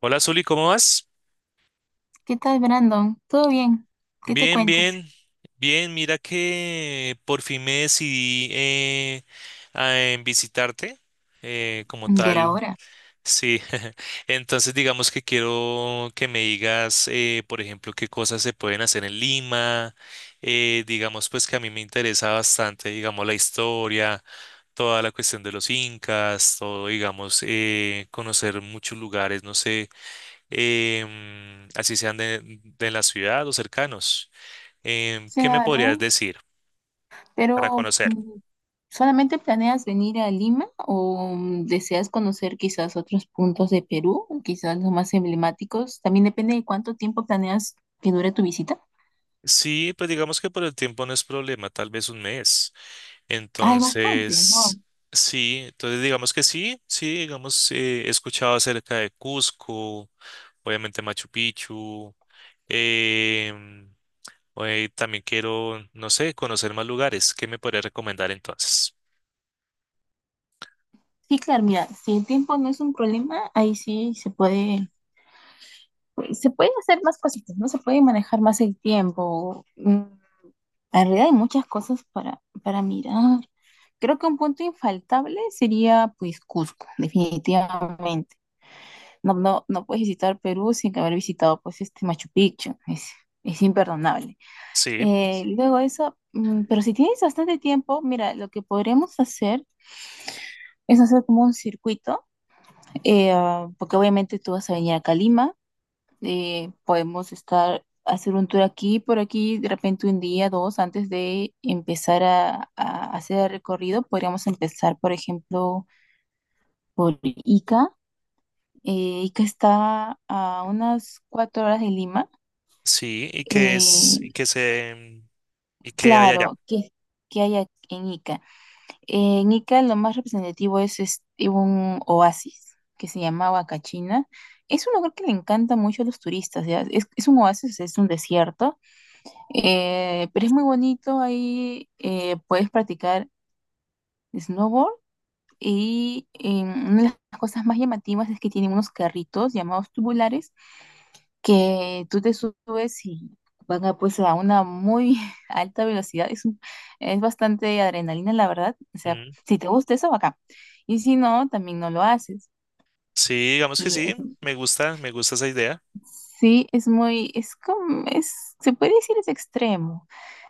Hola, Zuli, ¿cómo vas? ¿Qué tal, Brandon? ¿Todo bien? ¿Qué te Bien, cuentas? bien, bien. Mira que por fin me decidí a en visitarte como ¿Y era tal. hora? Sí, entonces digamos que quiero que me digas, por ejemplo, qué cosas se pueden hacer en Lima. Digamos pues que a mí me interesa bastante, digamos, la historia, toda la cuestión de los incas, todo, digamos, conocer muchos lugares, no sé así sean de la ciudad o cercanos. ¿Qué me podrías Claro, decir para pero conocer? ¿Solamente planeas venir a Lima o deseas conocer quizás otros puntos de Perú, quizás los más emblemáticos? También depende de cuánto tiempo planeas que dure tu visita. Sí, pues digamos que por el tiempo no es problema, tal vez un mes. Ah, es bastante. Entonces, Wow. sí, entonces digamos que sí, sí, digamos, he escuchado acerca de Cusco, obviamente Machu Picchu. em, también quiero, no sé, conocer más lugares. ¿Qué me podrías recomendar entonces? Sí, claro, mira, si el tiempo no es un problema, ahí sí se puede, pues, se pueden hacer más cositas, ¿no? Se puede manejar más el tiempo. En realidad hay muchas cosas para mirar. Creo que un punto infaltable sería pues Cusco, definitivamente. No, no, no puedes visitar Perú sin haber visitado pues este Machu Picchu. Es imperdonable. Sí, Luego eso, pero si tienes bastante tiempo, mira, lo que podremos hacer es hacer como un circuito, porque obviamente tú vas a venir acá a Lima. Podemos estar, hacer un tour aquí, por aquí, de repente un día, dos, antes de empezar a hacer el recorrido, podríamos empezar, por ejemplo, por Ica. Ica está a unas 4 horas de Lima. sí, Eh, y qué hay allá. claro, ¿qué hay aquí en Ica? En Ica lo más representativo es, este, un oasis que se llama Huacachina. Es un lugar que le encanta mucho a los turistas, ¿ya? Es un oasis, es un desierto. Pero es muy bonito, ahí puedes practicar snowboard y una de las cosas más llamativas es que tienen unos carritos llamados tubulares que tú te subes y van a, pues, a una muy alta velocidad. Es bastante adrenalina, la verdad. O sea, Mm, si te gusta eso, acá. Y si no, también no lo haces. sí, digamos que Y eh, sí, me gusta esa idea. sí, es muy, es como, es, se puede decir es extremo.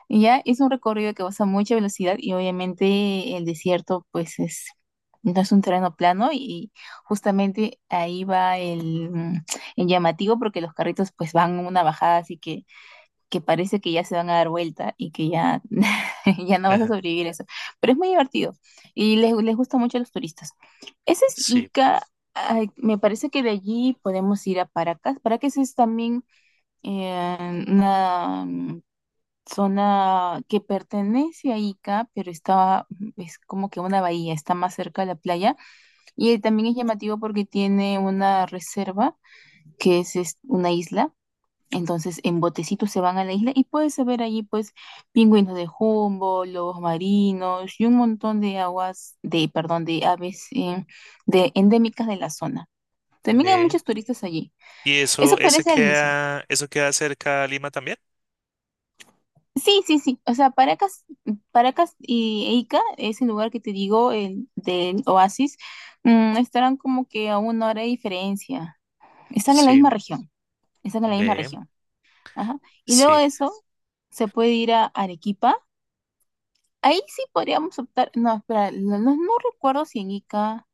Y ya es un recorrido que vas a mucha velocidad y obviamente el desierto pues es, no es un terreno plano y justamente ahí va el llamativo porque los carritos pues van en una bajada así que parece que ya se van a dar vuelta y que ya, ya no vas a sobrevivir eso. Pero es muy divertido y les gusta mucho a los turistas. Ese es Sí, Ica. Ay, me parece que de allí podemos ir a Paracas. Paracas es también eh, una mm, zona que pertenece a Ica, pero está, es como que una bahía, está más cerca de la playa. Y también es llamativo porque tiene una reserva, es una isla. Entonces, en botecitos se van a la isla y puedes ver allí, pues, pingüinos de jumbo, lobos marinos y un montón de aguas, de, perdón, de aves endémicas de la zona. También hay ve. muchos turistas allí. ¿Y eso, Eso ese parece al inicio. queda, eso queda cerca a Lima también? Sí, sí, sí. O sea, Paracas y e Ica, ese lugar que te digo, el del Oasis, estarán como que a una hora de diferencia. Están en la misma Sí, región. Están en la misma ve, región. Ajá. Y luego de sí. eso, se puede ir a Arequipa. Ahí sí podríamos optar. No, espera, no recuerdo si en Ica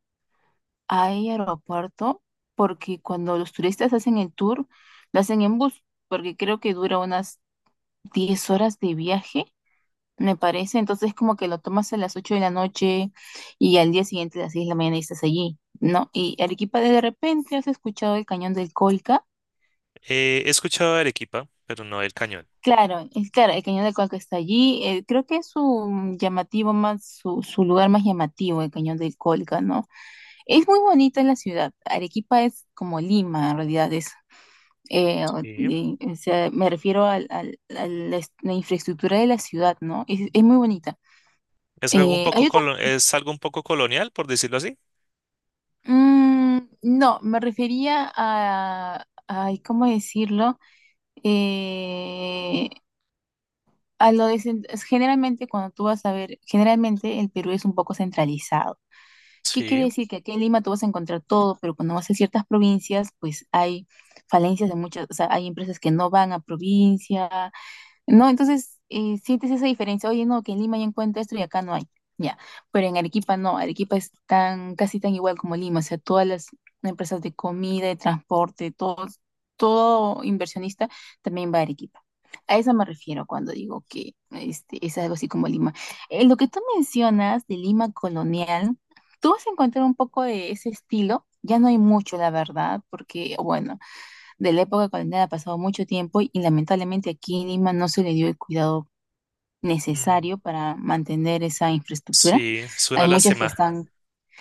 hay aeropuerto, porque cuando los turistas hacen el tour, lo hacen en bus, porque creo que dura unas 10 horas de viaje. Me parece, entonces como que lo tomas a las 8 de la noche y al día siguiente a las 6 de la mañana y estás allí, ¿no? Y Arequipa, de repente has escuchado el cañón del Colca. He escuchado de Arequipa, pero no del Cañón. Claro, es claro, el cañón del Colca está allí. Creo que es su llamativo más, su lugar más llamativo, el cañón del Colca, ¿no? Es muy bonita la ciudad. Arequipa es como Lima, en realidad es. Sí. O sea, me refiero a la, la infraestructura de la ciudad, ¿no? Es muy bonita. Es algo un Eh, poco hay colo- es algo un poco colonial, por decirlo así. No, me refería a, ay, ¿cómo decirlo? Eh, a lo de, cen- es generalmente cuando tú vas a ver, generalmente el Perú es un poco centralizado. ¿Qué Sí. quiere decir? Que aquí en Lima tú vas a encontrar todo, pero cuando vas a ciertas provincias, pues hay falencias de muchas, o sea, hay empresas que no van a provincia, no, entonces sientes esa diferencia. Oye, no, que en Lima ya encuentro esto y acá no hay. Ya, pero en Arequipa no. Arequipa es tan, casi tan igual como Lima. O sea, todas las empresas de comida, de transporte, todo, todo inversionista también va a Arequipa. A eso me refiero cuando digo que este, es algo así como Lima. Lo que tú mencionas de Lima colonial, tú vas a encontrar un poco de ese estilo. Ya no hay mucho, la verdad, porque, bueno de la época colonial ha pasado mucho tiempo y lamentablemente aquí en Lima no se le dio el cuidado Mm, necesario para mantener esa infraestructura. sí, Hay muchas que están,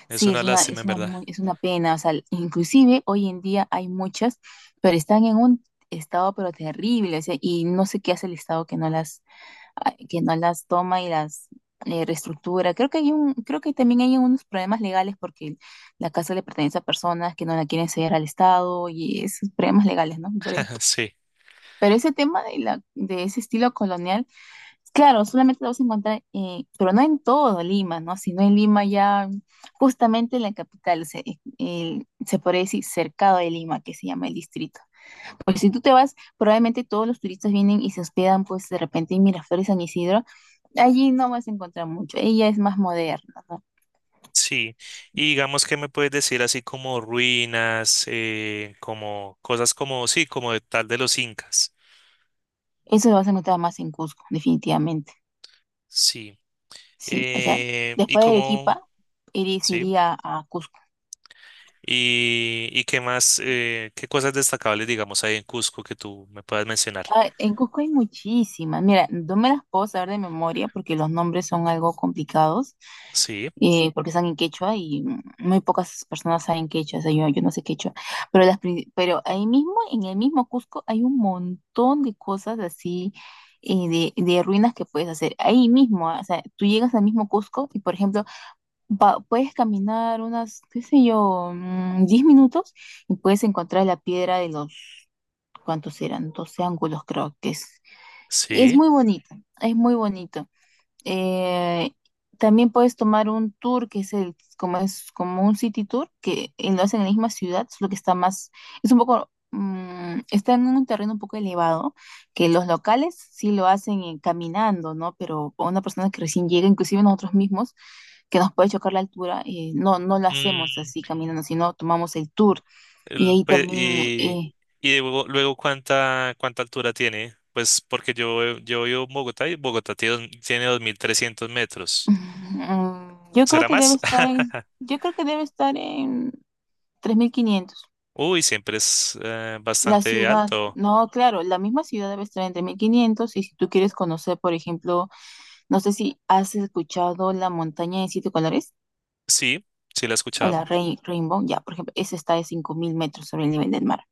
es sí, una lástima en verdad. Es una pena, o sea, inclusive hoy en día hay muchas, pero están en un estado pero terrible, o sea, y no sé qué hace el Estado que que no las toma y las reestructura. Creo que también hay unos problemas legales porque la casa le pertenece a personas que no la quieren ceder al Estado y esos problemas legales, ¿no? Por ahí. Sí, Pero ese tema de ese estilo colonial, claro, solamente lo vas a encontrar, pero no en todo Lima, ¿no? Sino en Lima ya, justamente en la capital, se podría decir cercado de Lima, que se llama el distrito. Porque si tú te vas, probablemente todos los turistas vienen y se hospedan, pues de repente en Miraflores, San Isidro, allí no vas a encontrar mucho, ella es más moderna, ¿no? sí. Y digamos que me puedes decir así como ruinas, como cosas como, sí, como de tal de los incas. Eso lo vas a encontrar más en Cusco, definitivamente, Sí. sí. O sea, Eh, y después de como, Arequipa, se sí. iría a Cusco. Y qué más, qué cosas destacables, digamos, hay en Cusco que tú me puedas mencionar. Ah, en Cusco hay muchísimas. Mira, no me las puedo saber de memoria porque los nombres son algo complicados, Sí, porque están en quechua y muy pocas personas saben quechua, o sea, yo no sé quechua. Pero ahí mismo, en el mismo Cusco, hay un montón de cosas así, de ruinas que puedes hacer. Ahí mismo, ah, o sea, tú llegas al mismo Cusco y, por ejemplo, puedes caminar unas, qué sé yo, 10 minutos y puedes encontrar la piedra de los, ¿cuántos eran? Doce ángulos, creo que es. Y es sí. muy bonito, es muy bonito. Eh, también puedes tomar un tour que es el, como es como un city tour, que lo hacen en la misma ciudad, solo que está más, es un poco, está en un terreno un poco elevado, que los locales sí lo hacen caminando, ¿no? Pero a una persona que recién llega, inclusive nosotros mismos, que nos puede chocar la altura, no lo hacemos Mm, así caminando, sino tomamos el tour. Y el- ahí pues, también, y eh, y luego cuánta altura tiene, pues porque yo vivo en Bogotá y Bogotá tiene 2300 metros. Yo creo ¿Será que más? Yo creo que debe estar en 3500. Uy, siempre es La bastante ciudad, alto. no, claro, la misma ciudad debe estar en 3500. Y si tú quieres conocer, por ejemplo, no sé si has escuchado la montaña de siete colores Sí, sí la he o escuchado. la Rainbow, ya, por ejemplo, esa está de 5000 metros sobre el nivel del mar.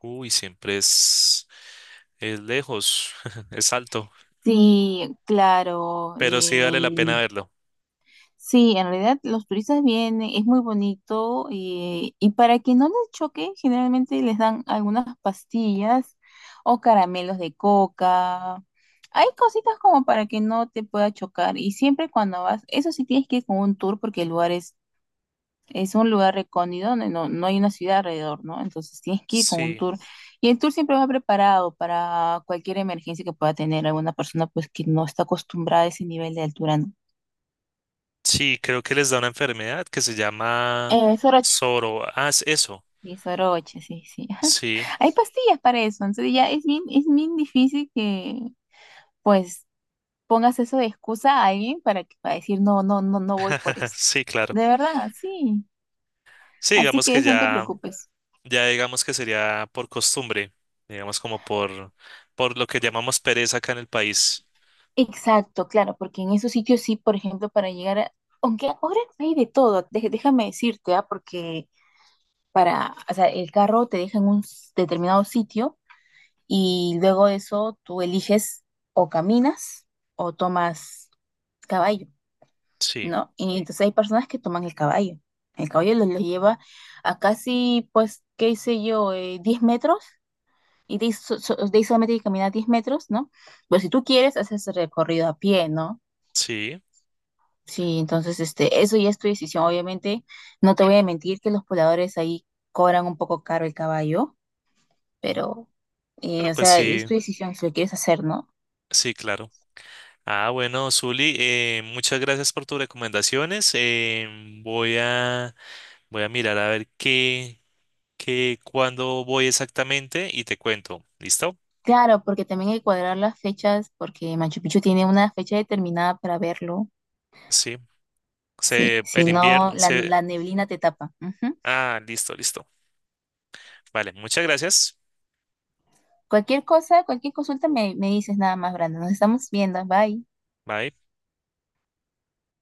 Uy, siempre es, lejos, es alto. Sí, claro, Pero sí vale la pena verlo. sí, en realidad los turistas vienen, es muy bonito y para que no les choque, generalmente les dan algunas pastillas o caramelos de coca. Hay cositas como para que no te pueda chocar y siempre cuando vas, eso sí tienes que ir con un tour porque el lugar es un lugar recóndito donde no, no hay una ciudad alrededor, ¿no? Entonces tienes que ir con un Sí, tour y el tour siempre va preparado para cualquier emergencia que pueda tener alguna persona pues que no está acostumbrada a ese nivel de altura, ¿no? sí, creo que les da una enfermedad que se llama Sorach, soro. Ah, es eso. y soroche, sí, sí. Ajá. Sí, Hay pastillas para eso, entonces ya es bien difícil que pues pongas eso de excusa a alguien para que para decir no, no, no, no voy por esto. sí, claro. De verdad, sí. Sí, Así digamos que que eso no te ya, preocupes. ya digamos que sería por costumbre, digamos como por lo que llamamos pereza acá en el país. Exacto, claro, porque en esos sitios sí, por ejemplo, para llegar a, aunque ahora hay de todo, déjame decirte, ah, porque para, o sea, el carro te deja en un determinado sitio y luego de eso tú eliges o caminas o tomas caballo. Sí, ¿No? Y entonces hay personas que toman el caballo. El caballo los lleva a casi, pues, qué sé yo, 10 metros. Y de ahí, de ahí solamente hay que caminar 10 metros, ¿no? Pero si tú quieres, haces el recorrido a pie, ¿no? sí. Sí, entonces, este, eso ya es tu decisión. Obviamente, no te voy a mentir que los pobladores ahí cobran un poco caro el caballo, Ujú. pero, Bueno, o pues sea, sí, es tu decisión si lo quieres hacer, ¿no? sí, claro. Ah, bueno, Zuli, muchas gracias por tus recomendaciones. Voy a mirar a ver qué, cuándo voy exactamente y te cuento. ¿Listo? Claro, porque también hay que cuadrar las fechas, porque Machu Picchu tiene una fecha determinada para verlo. Sí. Sí, Se, si el no, invierno, se, la neblina te tapa. Ujú. Ah, listo, listo. Vale, muchas gracias. Cualquier cosa, cualquier consulta me dices nada más, Brandon. Nos estamos viendo. Bye. Bye.